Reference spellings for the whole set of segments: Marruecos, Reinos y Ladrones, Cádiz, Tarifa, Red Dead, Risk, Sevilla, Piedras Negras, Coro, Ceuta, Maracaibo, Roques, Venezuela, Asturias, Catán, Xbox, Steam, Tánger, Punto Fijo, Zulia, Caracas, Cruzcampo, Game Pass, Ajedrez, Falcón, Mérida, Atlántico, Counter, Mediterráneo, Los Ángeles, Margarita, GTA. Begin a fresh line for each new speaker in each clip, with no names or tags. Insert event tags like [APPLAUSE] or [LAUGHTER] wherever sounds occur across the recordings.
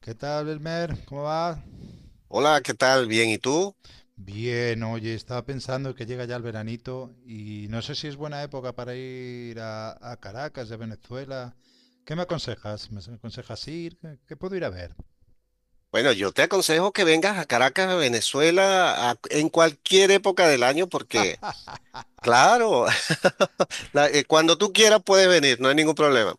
¿Qué tal, Belmer? ¿Cómo va?
Hola, ¿qué tal? Bien, ¿y tú?
Bien, oye, estaba pensando que llega ya el veranito y no sé si es buena época para ir a Caracas de Venezuela. ¿Qué me aconsejas? ¿Me aconsejas ir? ¿Qué puedo ir a ver?
Bueno, yo te aconsejo que vengas a Caracas, a Venezuela, en cualquier época del año, porque,
[LAUGHS]
claro, [LAUGHS] cuando tú quieras puedes venir, no hay ningún problema.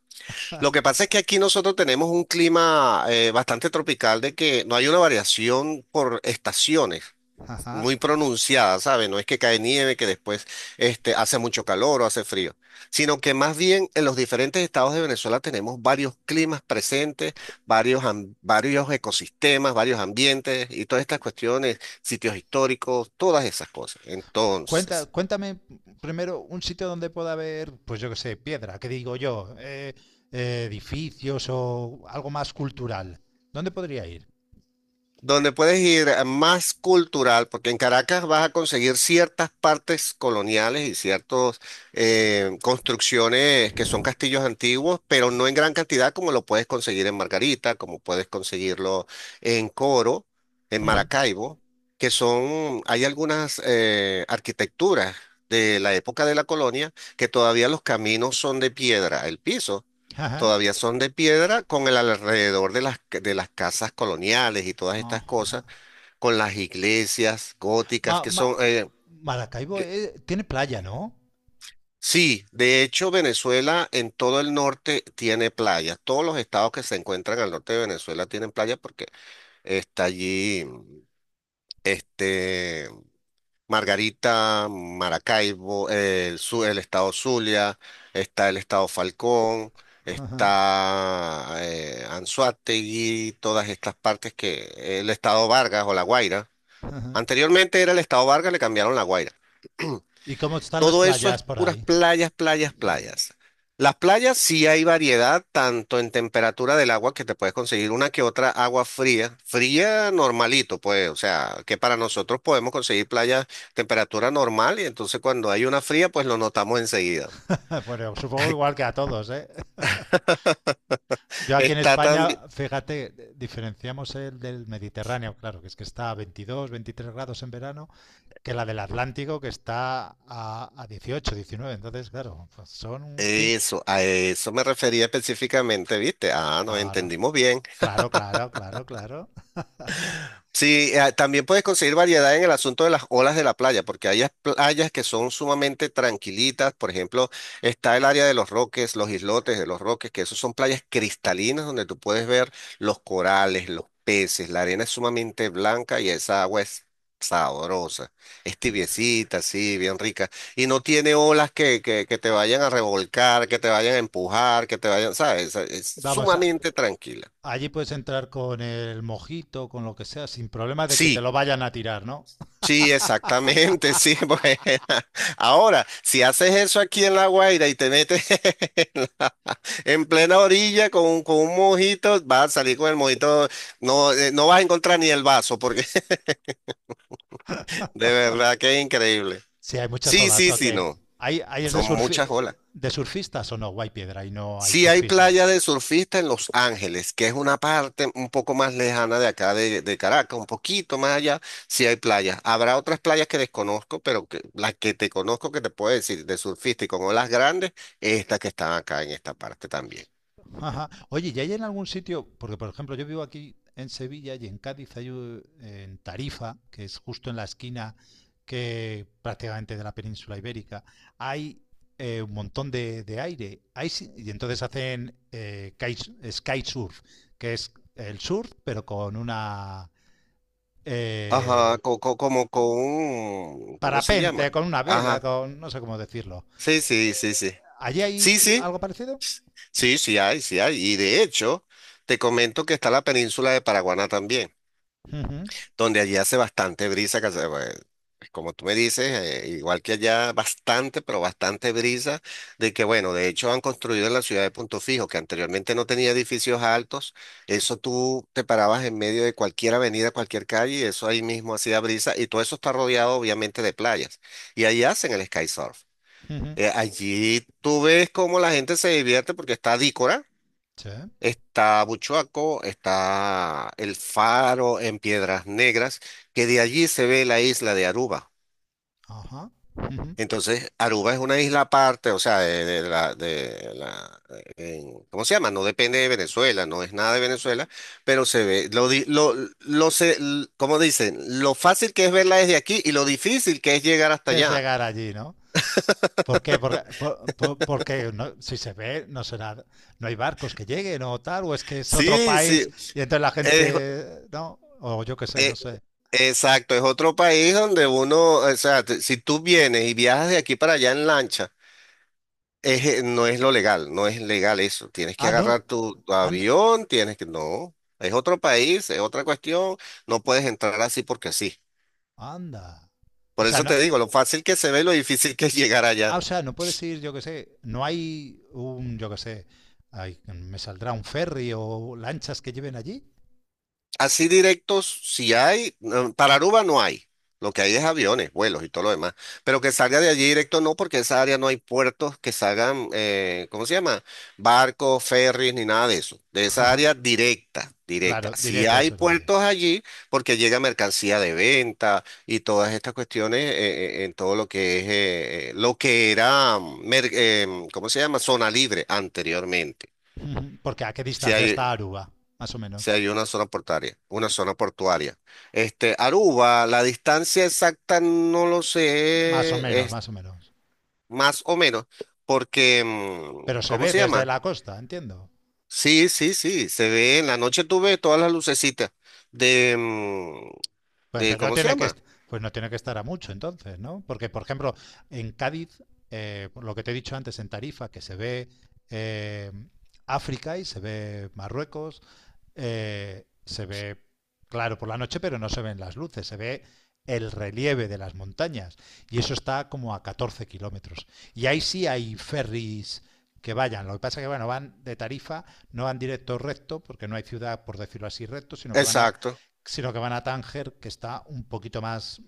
Lo que pasa es que aquí nosotros tenemos un clima bastante tropical, de que no hay una variación por estaciones
Ajá.
muy pronunciada, ¿sabes? No es que cae nieve, que después hace mucho calor o hace frío, sino que más bien en los diferentes estados de Venezuela tenemos varios climas presentes, varios ecosistemas, varios ambientes y todas estas cuestiones, sitios históricos, todas esas cosas.
Cuenta,
Entonces
cuéntame primero un sitio donde pueda haber, pues yo qué sé, piedra, ¿qué digo yo? Edificios o algo más cultural. ¿Dónde podría ir?
donde puedes ir a más cultural, porque en Caracas vas a conseguir ciertas partes coloniales y ciertas construcciones que son castillos antiguos, pero no en gran cantidad como lo puedes conseguir en Margarita, como puedes conseguirlo en Coro, en
Ujú.
Maracaibo, que son, hay algunas arquitecturas de la época de la colonia que todavía los caminos son de piedra, el piso
[LAUGHS] Ajá.
todavía son de piedra con el alrededor de de las casas coloniales y todas estas cosas, con las iglesias góticas
Ma-
que
ma-
son...
Maracaibo tiene playa, ¿no?
Sí, de hecho Venezuela en todo el norte tiene playas. Todos los estados que se encuentran al norte de Venezuela tienen playas porque está allí, este... Margarita, Maracaibo, el estado Zulia, está el estado Falcón,
Ajá,
está Anzoátegui, todas estas partes que el estado Vargas o La Guaira.
ajá.
Anteriormente era el estado Vargas, le cambiaron La Guaira.
¿Y cómo están las
Todo eso es
playas por
puras
ahí?
playas, playas, playas. Las playas sí hay variedad, tanto en temperatura del agua que te puedes conseguir una que otra agua fría, fría normalito, pues, o sea, que para nosotros podemos conseguir playas temperatura normal y entonces cuando hay una fría, pues lo notamos enseguida.
[LAUGHS] Bueno, supongo igual que a todos, ¿eh?
[LAUGHS]
Yo aquí en
Está
España,
también,
fíjate, diferenciamos el del Mediterráneo, claro, que es que está a 22, 23 grados en verano, que la del Atlántico, que está a 18, 19. Entonces, claro, pues son un fin.
eso, a eso me refería específicamente, ¿viste? Ah, nos
Claro,
entendimos bien.
claro, claro, claro, claro.
Sí, también puedes conseguir variedad en el asunto de las olas de la playa, porque hay playas que son sumamente tranquilitas. Por ejemplo, está el área de los Roques, los islotes de los Roques, que esos son playas cristalinas donde tú puedes ver los corales, los peces. La arena es sumamente blanca y esa agua es sabrosa. Es tibiecita, así, bien rica. Y no tiene olas que te vayan a revolcar, que te vayan a empujar, que te vayan, ¿sabes? Es
Vamos, a,
sumamente tranquila.
allí puedes entrar con el mojito, con lo que sea, sin problema de que te
Sí.
lo vayan a tirar, ¿no?
Sí, exactamente, sí. [LAUGHS] porque [LAUGHS] Ahora, si haces eso aquí en La Guaira y te metes [LAUGHS] en, la- en plena orilla con un mojito, vas a salir con el mojito, no, no vas a encontrar ni el vaso, porque [LAUGHS] de verdad que es increíble.
Sí, hay muchas
Sí,
olas,
sí,
ok.
sí, no.
¿Hay es de,
Son muchas olas.
de surfistas o no? Piedra y no hay
Sí hay
surfistas.
playa de surfista en Los Ángeles, que es una parte un poco más lejana de acá, de Caracas, un poquito más allá, sí hay playas. Habrá otras playas que desconozco, pero que, las que te conozco que te puedo decir de surfista y con olas grandes, es esta que están acá en esta parte también.
Ajá. Oye, ¿y hay en algún sitio? Porque, por ejemplo, yo vivo aquí en Sevilla y en Cádiz hay en Tarifa, que es justo en la esquina que prácticamente de la península ibérica, hay un montón de aire. Hay, y entonces hacen kite- sky surf, que es el surf, pero con una
Ajá,
eh,
como con, ¿cómo se llama?
parapente, con una vela,
Ajá,
con no sé cómo decirlo.
sí, sí, sí, sí.
¿Allí hay
Sí, sí,
algo parecido?
sí, sí hay, sí hay. Y de hecho, te comento que está la península de Paraguaná también,
Ujú,
donde allí hace bastante brisa, que hace, pues, como tú me dices, igual que allá, bastante, pero bastante brisa, de que bueno, de hecho han construido en la ciudad de Punto Fijo, que anteriormente no tenía edificios altos, eso tú te parabas en medio de cualquier avenida, cualquier calle, y eso ahí mismo hacía brisa, y todo eso está rodeado obviamente de playas, y ahí hacen el sky surf.
ujú.
Allí tú ves cómo la gente se divierte porque está Dícora.
Sí,
Está Buchoaco, está el faro en Piedras Negras, que de allí se ve la isla de Aruba.
ajá. Ujú.
Entonces, Aruba es una isla aparte, o sea, de ¿cómo se llama? No depende de Venezuela, no es nada de Venezuela, pero se ve, lo, di- lo se, ¿cómo dicen? Lo fácil que es verla desde aquí y lo difícil que es llegar hasta
¿Qué es
allá.
llegar allí, no? ¿Por qué? Porque, porque si se ve, no será, no hay barcos que lleguen o tal, o es que es otro
Sí,
país
sí,
y entonces la
es-
gente, ¿no? O yo qué sé, no
eh,
sé.
exacto, es otro país donde uno, o sea, si tú vienes y viajas de aquí para allá en lancha, es, no es lo legal, no es legal eso. Tienes que
Ah, no,
agarrar tu
an-
avión, tienes que... No, es otro país, es otra cuestión. No puedes entrar así porque sí.
anda. O
Por
sea,
eso
no,
te digo, lo fácil que se ve, lo difícil que es llegar
ah,
allá.
o sea, no puedes ir, yo qué sé, no hay un, yo qué sé, ay, me saldrá un ferry o lanchas que lleven allí.
Así directos, si hay, no, para Aruba no hay. Lo que hay es aviones, vuelos y todo lo demás. Pero que salga de allí directo no, porque esa área no hay puertos que salgan, ¿cómo se llama? Barcos, ferries, ni nada de eso. De esa
Ajá.
área directa, directa.
Claro,
Si
directo,
hay
eso es lo que digo.
puertos allí, porque llega mercancía de venta y todas estas cuestiones en todo lo que es, lo que era, ¿cómo se llama? Zona libre anteriormente.
Ujú. ¿Porque a qué
Si
distancia está
hay.
Aruba, más o menos?
Sí, hay una zona portuaria, una zona portuaria. Este, Aruba, la distancia exacta no lo
Más o
sé,
menos,
es
más o menos.
más o menos, porque,
Pero se
¿cómo
ve
se
desde
llama?
la costa, entiendo.
Sí, sí, sí, se ve, en la noche tú ves todas las lucecitas de, mm,
Pues
de,
entonces no
¿cómo se
tiene que,
llama?
pues no tiene que estar a mucho, entonces, ¿no? Porque, por ejemplo, en Cádiz, por lo que te he dicho antes, en Tarifa, que se ve eh, África y se ve Marruecos, se ve claro por la noche, pero no se ven las luces, se ve el relieve de las montañas. Y eso está como a 14 kilómetros. Y ahí sí hay ferries que vayan. Lo que pasa es que bueno, van de tarifa, no van directo recto, porque no hay ciudad, por decirlo así, recto,
Exacto.
sino que van a Tánger, que está un poquito más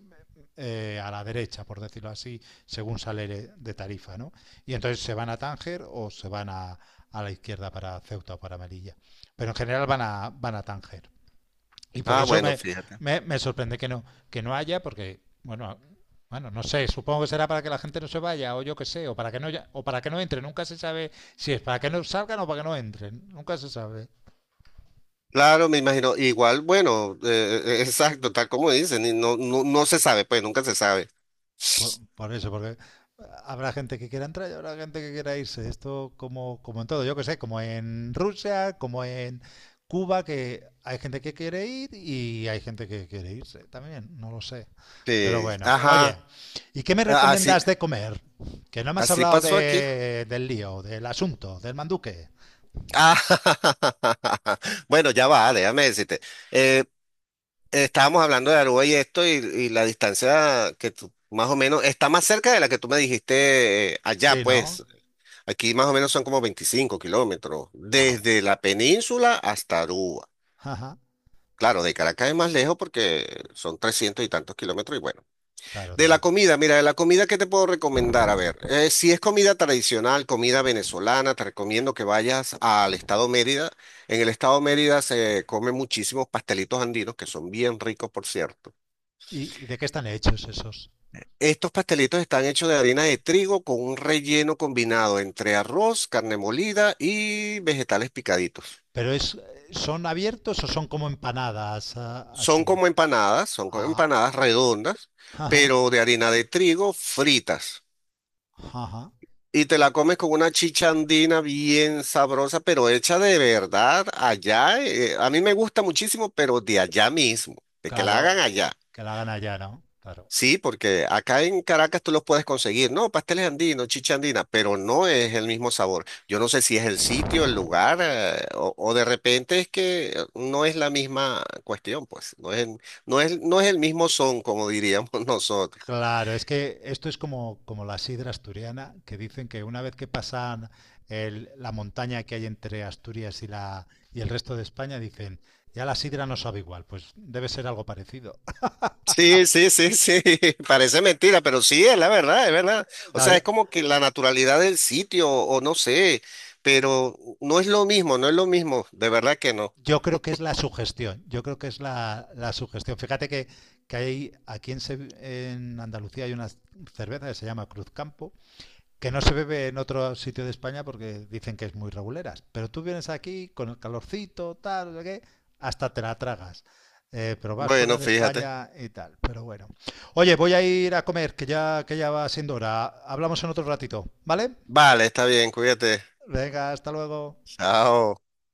a la derecha, por decirlo así, según sale de Tarifa, ¿no? Y entonces se van a Tánger o se van a la izquierda para Ceuta o para Melilla. Pero en general van a Tánger. Y por
Ah,
eso
bueno, fíjate.
me sorprende que no haya, porque, bueno, bueno, no sé, supongo que será para que la gente no se vaya, o yo qué sé, o para que no o para que no entren, nunca se sabe si es para que no salgan o para que no entren, nunca se sabe.
Claro, me imagino, igual, bueno, exacto, tal como dicen, y no, no, no se sabe, pues nunca se sabe.
Por eso, porque habrá gente que quiera entrar y habrá gente que quiera irse. Esto como, como en todo, yo que sé, como en Rusia, como en Cuba, que hay gente que quiere ir y hay gente que quiere irse también, no lo sé. Pero
Sí,
bueno, oye,
ajá,
¿y qué me
así,
recomiendas de comer? Que no me has
así
hablado
pasó aquí.
de, del lío, del asunto, del manduque.
Ah, [LAUGHS] bueno, ya va, déjame decirte. Eh, Estábamos hablando de Aruba y esto, y la distancia que tú, más o menos, está más cerca de la que tú me dijiste allá,
Sí, ¿no?
pues. Aquí más o menos son como 25 kilómetros,
Ah, bueno.
desde la península hasta Aruba.
[LAUGHS] Ajá,
Claro, de Caracas es más lejos porque son 300 y tantos kilómetros.
claro,
De la
claro.
comida, mira, de la comida, ¿qué te puedo recomendar? A ver, si es comida tradicional, comida venezolana, te recomiendo que vayas al estado Mérida. En el estado Mérida se comen muchísimos pastelitos andinos, que son bien ricos, por cierto.
¿Y de qué están hechos esos?
Estos pastelitos están hechos de harina de trigo con un relleno combinado entre arroz, carne molida y vegetales picaditos.
¿Pero es, son abiertos o son como empanadas, ah, así?
Son como
Ah,
empanadas redondas,
ajá,
pero de harina de trigo fritas.
ajá.
Y te la comes con una chicha andina bien sabrosa, pero hecha de verdad allá. A mí me gusta muchísimo, pero de allá mismo, de que la
Claro,
hagan allá.
que la gana ya, ¿no? Claro.
Sí, porque acá en Caracas tú los puedes conseguir, no, pasteles andinos, chicha andina, pero no es el mismo sabor. Yo no sé si es el sitio, el lugar, o de repente es que no es la misma cuestión, pues, no es el mismo son, como diríamos [LAUGHS] nosotros.
Claro, es que esto es como, como la sidra asturiana, que dicen que una vez que pasan la montaña que hay entre Asturias y, la, y el resto de España, dicen, ya la sidra no sabe igual, pues debe ser algo parecido. [LAUGHS]
Sí, sí, sí, sí, [LAUGHS] parece mentira, pero sí, es la verdad, es verdad. O
No,
sea,
yo,
es como que la naturalidad del sitio, o no sé, pero no es lo mismo, no es lo mismo, de verdad que no.
yo creo que es la sugestión, yo creo que es la, la sugestión. Fíjate que hay aquí en, en Andalucía hay una cerveza que se llama Cruzcampo, que no se bebe en otro sitio de España porque dicen que es muy reguleras. Pero tú vienes aquí con el calorcito, tal, no sé qué, hasta te la tragas. Pero vas fuera
Bueno,
de
fíjate.
España y tal. Pero bueno. Oye, voy a ir a comer, que ya va siendo hora. Hablamos en otro ratito, ¿vale?
Vale, está bien, cuídate.
Venga, hasta luego.
Chao.